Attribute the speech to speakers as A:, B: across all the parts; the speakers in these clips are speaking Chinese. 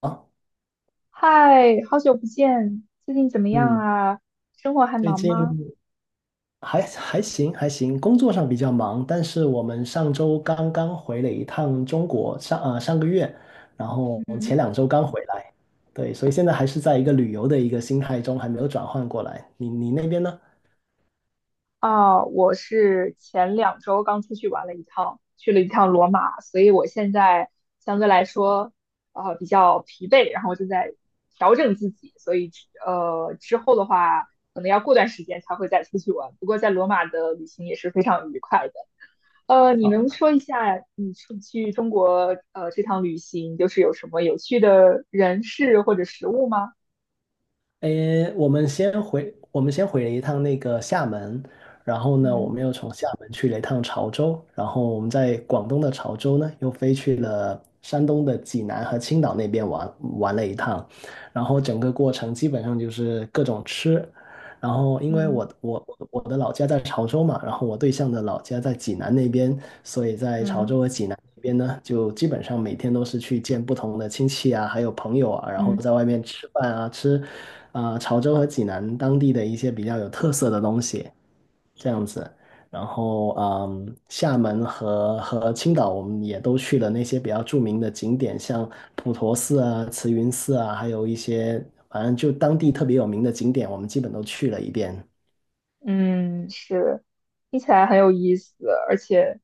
A: 啊，
B: 嗨，好久不见，最近怎么样
A: 嗯，
B: 啊？生活还
A: 最
B: 忙吗？
A: 近还行还行，工作上比较忙，但是我们上周刚刚回了一趟中国，上个月，然后
B: 嗯，
A: 前两周刚回来。对，所以现在还是在一个旅游的一个心态中，还没有转换过来。你那边呢？
B: 啊，我是前两周刚出去玩了一趟，去了一趟罗马，所以我现在相对来说，比较疲惫，然后正在调整自己，所以之后的话，可能要过段时间才会再出去玩。不过在罗马的旅行也是非常愉快的。呃，你能
A: 啊。
B: 说一下你出去中国这趟旅行，就是有什么有趣的人事或者食物吗？
A: 诶，我们先回了一趟那个厦门，然后呢，我
B: 嗯，
A: 们又从厦门去了一趟潮州，然后我们在广东的潮州呢，又飞去了山东的济南和青岛那边，玩了一趟，然后整个过程基本上就是各种吃。然后因为
B: 嗯，
A: 我的老家在潮州嘛，然后我对象的老家在济南那边，所以在潮
B: 嗯，
A: 州和济南那边呢，就基本上每天都是去见不同的亲戚啊，还有朋友啊，然后
B: 嗯，
A: 在外面吃饭啊，吃啊、潮州和济南当地的一些比较有特色的东西，这样子。然后厦门和青岛我们也都去了那些比较著名的景点，像普陀寺啊、慈云寺啊，还有一些反正就当地特别有名的景点，我们基本都去了一遍。
B: 嗯，是，听起来很有意思，而且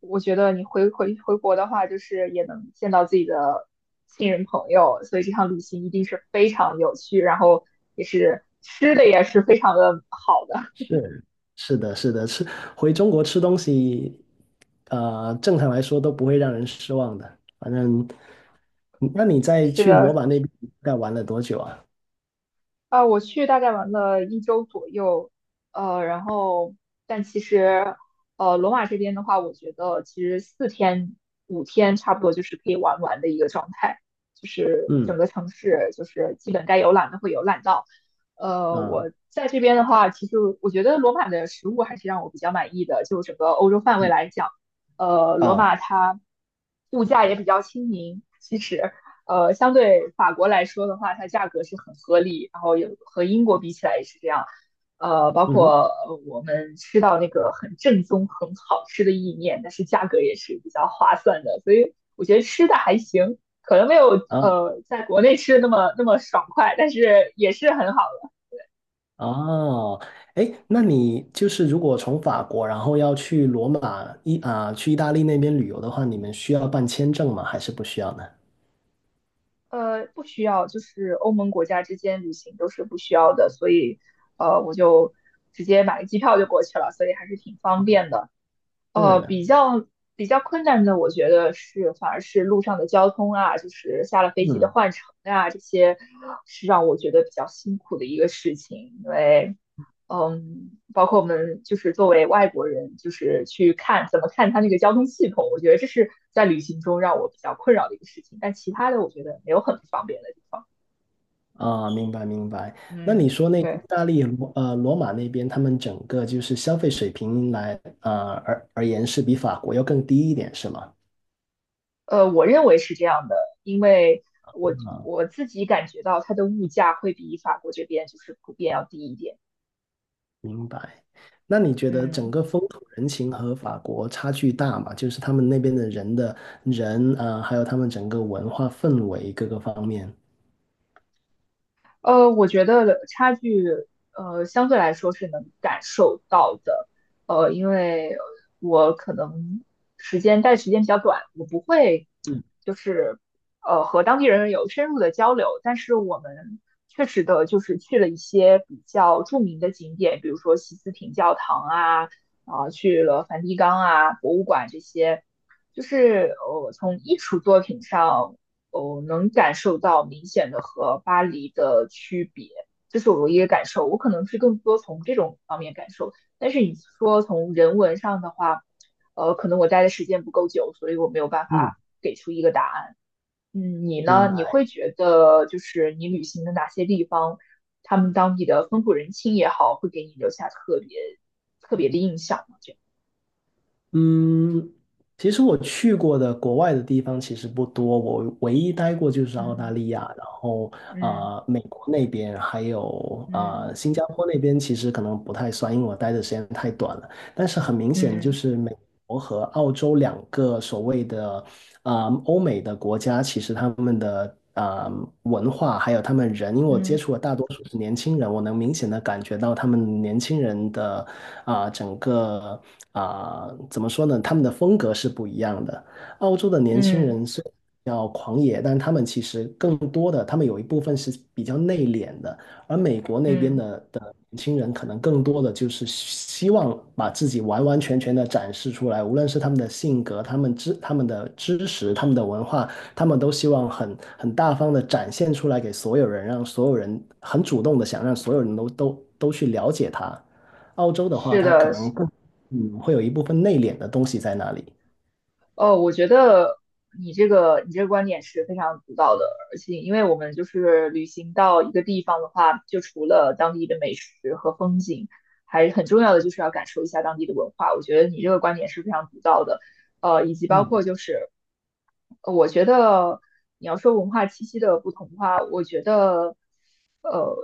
B: 我觉得你回国的话，就是也能见到自己的亲人朋友，所以这趟旅行一定是非常有趣，然后也是吃的也是非常的好的，
A: 是，是的，是的，吃回中国吃东西，正常来说都不会让人失望的。反正，那你 在
B: 吃
A: 去罗
B: 的
A: 马那边大概玩了多久啊？
B: 啊，我去大概玩了一周左右，然后但其实，罗马这边的话，我觉得其实四天五天差不多就是可以玩完的一个状态，就是
A: 嗯
B: 整个城市就是基本该游览的会游览到。呃，
A: 啊，
B: 我在这边的话，其实我觉得罗马的食物还是让我比较满意的，就整个欧洲范围
A: 嗯
B: 来讲，罗
A: 啊，
B: 马它物价也比较亲民，其实。呃，相对法国来说的话，它价格是很合理，然后有和英国比起来也是这样。包
A: 嗯哼，
B: 括我们吃到那个很正宗、很好吃的意面，但是价格也是比较划算的，所以我觉得吃的还行，可能没有
A: 啊，
B: 在国内吃的那么爽快，但是也是很好的。
A: 哦。哎，那你就是如果从法国，然后要去罗马意啊、去意大利那边旅游的话，你们需要办签证吗？还是不需要呢？
B: 呃，不需要，就是欧盟国家之间旅行都是不需要的，所以我就直接买个机票就过去了，所以还是挺方便的。呃，
A: 是，
B: 比较比较困难的，我觉得是反而是路上的交通啊，就是下了飞机的
A: 嗯，
B: 换乘啊，这些是让我觉得比较辛苦的一个事情。因为，嗯，包括我们就是作为外国人，就是去看怎么看它那个交通系统，我觉得这是在旅行中让我比较困扰的一个事情。但其他的，我觉得没有很不方便的地方。
A: 啊，明白明白。那你
B: 嗯，
A: 说那个意
B: 对。
A: 大利罗马那边，他们整个就是消费水平来啊而而言是比法国要更低一点，是吗？
B: 我认为是这样的，因为我自己感觉到它的物价会比法国这边就是普遍要低一点。
A: 明白。那你觉得整
B: 嗯。
A: 个风土人情和法国差距大吗？就是他们那边的人的人啊、还有他们整个文化氛围各个方面。
B: 呃，我觉得差距，相对来说是能感受到的，因为我可能时间待的时间比较短，我不会
A: 嗯
B: 就是和当地人有深入的交流，但是我们确实的就是去了一些比较著名的景点，比如说西斯廷教堂啊，啊、去了梵蒂冈啊，博物馆这些，就是从艺术作品上哦，能感受到明显的和巴黎的区别，这是我唯一的感受。我可能是更多从这种方面感受，但是你说从人文上的话，可能我待的时间不够久，所以我没有办
A: 嗯，
B: 法给出一个答案。嗯，你
A: 明
B: 呢？你
A: 白。
B: 会觉得就是你旅行的哪些地方，他们当地的风土人情也好，会给你留下特别的印象吗？这样，
A: 嗯，其实我去过的国外的地方其实不多，我唯一待过就是澳大
B: 嗯，
A: 利亚，然后
B: 嗯，
A: 啊、美国那边还有啊、
B: 嗯，
A: 新加坡那边，其实可能不太算，因为我待的时间太短了。但是很明显，就
B: 嗯，
A: 是美国和澳洲两个所谓的啊、欧美的国家其实他们的啊、文化还有他们人，因为我接
B: 嗯，
A: 触的大多数是年轻人，我能明显的感觉到他们年轻人的啊、整个啊、怎么说呢，他们的风格是不一样的。澳洲的年
B: 嗯，
A: 轻
B: 嗯，
A: 人虽然比较狂野，但他们其实更多的，他们有一部分是比较内敛的。而美国那边
B: 嗯，
A: 的年轻人，可能更多的就是希望把自己完完全全的展示出来，无论是他们的性格、他们的知识、他们的文化，他们都希望很大方的展现出来给所有人，让所有人很主动的想让所有人都去了解他。澳洲的话，
B: 是
A: 他可
B: 的，
A: 能更会有一部分内敛的东西在那里。
B: 哦，我觉得你这个观点是非常独到的，而且因为我们就是旅行到一个地方的话，就除了当地的美食和风景，还很重要的就是要感受一下当地的文化。我觉得你这个观点是非常独到的，呃，以及包括
A: 嗯
B: 就是，我觉得你要说文化气息的不同的话，我觉得，呃，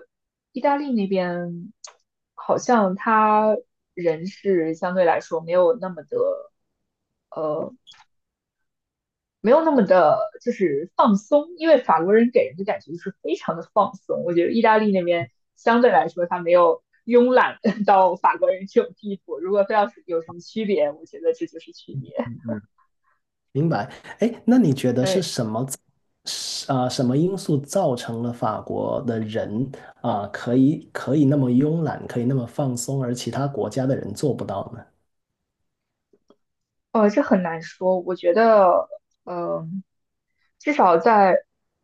B: 意大利那边好像他人是相对来说没有那么的。呃。没有那么的，就是放松，因为法国人给人的感觉就是非常的放松。我觉得意大利那边相对来说，他没有慵懒到法国人这种地步。如果非要是有什么区别，我觉得这就是区别。
A: 嗯，明白。哎，那你觉得是
B: 对。
A: 什么造是啊、什么因素造成了法国的人啊、可以那么慵懒，可以那么放松，而其他国家的人做不到呢？
B: 这很难说。我觉得，嗯、至少在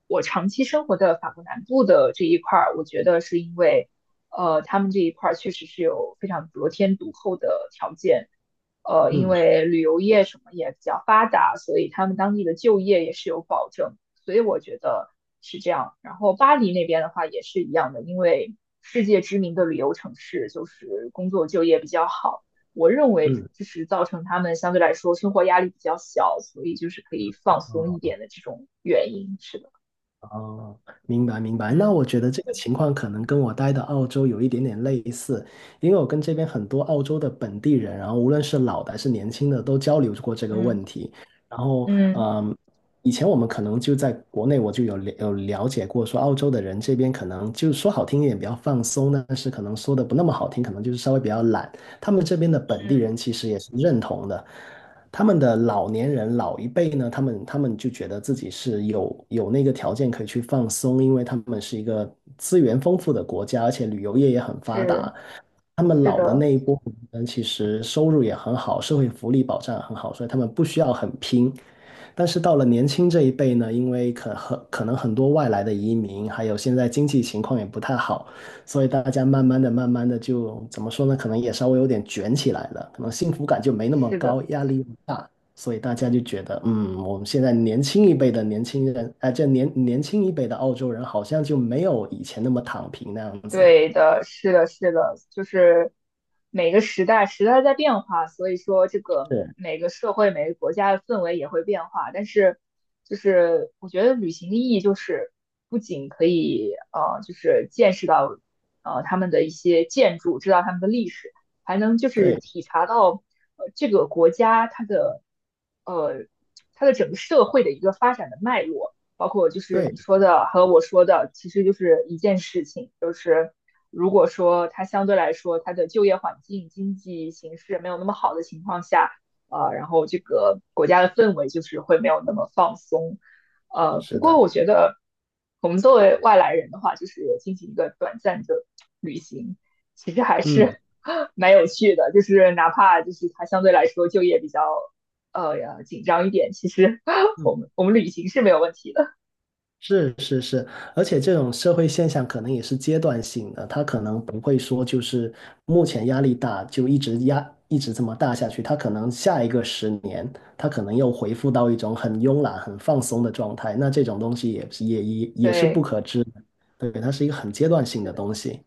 B: 我长期生活的法国南部的这一块儿，我觉得是因为，他们这一块儿确实是有非常得天独厚的条件，因
A: 嗯
B: 为旅游业什么也比较发达，所以他们当地的就业也是有保证，所以我觉得是这样。然后巴黎那边的话也是一样的，因为世界知名的旅游城市，就是工作就业比较好。我认为
A: 嗯。
B: 就是造成他们相对来说生活压力比较小，所以就是可以放松一
A: 啊。
B: 点的这种原因。是的，
A: 哦，明白明白。那
B: 嗯，
A: 我觉得这个情况可能跟我待的澳洲有一点点类似，因为我跟这边很多澳洲的本地人，然后无论是老的还是年轻的，都交流过这个
B: 嗯，
A: 问题。然后，
B: 嗯，
A: 嗯，以前我们可能就在国内，我就有了解过，说澳洲的人这边可能就说好听一点比较放松，但是可能说的不那么好听，可能就是稍微比较懒。他们这边的本地
B: 嗯，
A: 人其实也是认同的。他们的老年人老一辈呢，他们就觉得自己是有那个条件可以去放松，因为他们是一个资源丰富的国家，而且旅游业也很发
B: 是，
A: 达。他们
B: 是
A: 老的
B: 的，
A: 那一波人其实收入也很好，社会福利保障很好，所以他们不需要很拼。但是到了年轻这一辈呢，因为可能很多外来的移民，还有现在经济情况也不太好，所以大家慢慢的、慢慢的就怎么说呢？可能也稍微有点卷起来了，可能幸福感就没那么
B: 是
A: 高，
B: 的。
A: 压力又大，所以大家就觉得，嗯，我们现在年轻一辈的年轻人，哎、年轻一辈的澳洲人好像就没有以前那么躺平那样子。
B: 对的，是的，是的，就是每个时代在变化，所以说这个
A: 是，
B: 每个社会、每个国家的氛围也会变化。但是，就是我觉得旅行的意义就是不仅可以就是见识到他们的一些建筑，知道他们的历史，还能就是
A: 对
B: 体察到这个国家它的呃它的整个社会的一个发展的脉络。包括就是
A: 对，
B: 你说的和我说的，其实就是一件事情，就是如果说它相对来说它的就业环境、经济形势没有那么好的情况下，然后这个国家的氛围就是会没有那么放松，呃，不
A: 是
B: 过我
A: 的，
B: 觉得我们作为外来人的话，就是进行一个短暂的旅行，其实还
A: 嗯，
B: 是 蛮有趣的，就是哪怕就是它相对来说就业比较紧张一点，其实
A: 嗯。
B: 我们旅行是没有问题的。
A: 是是是，而且这种社会现象可能也是阶段性的，它可能不会说就是目前压力大就一直这么大下去，它可能下一个十年，它可能又恢复到一种很慵懒、很放松的状态，那这种东西也是不
B: 对，
A: 可知的。对，它是一个很阶段性
B: 是
A: 的
B: 的，
A: 东西。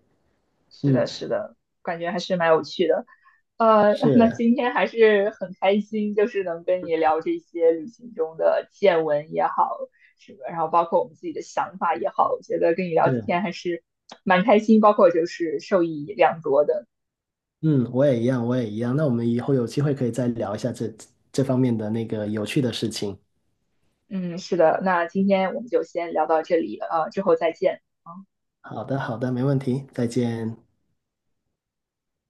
B: 是
A: 嗯，
B: 的，是的，感觉还是蛮有趣的。呃，那
A: 是
B: 今天还是很开心，就是能跟你聊这些旅行中的见闻也好，是么，然后包括我们自己的想法也好，我觉得跟你聊
A: 是，
B: 天还是蛮开心，包括就是受益良多的。
A: 嗯，我也一样，我也一样。那我们以后有机会可以再聊一下这方面的那个有趣的事情。
B: 嗯，是的，那今天我们就先聊到这里，之后再见。嗯
A: 好的，好的，没问题，再见。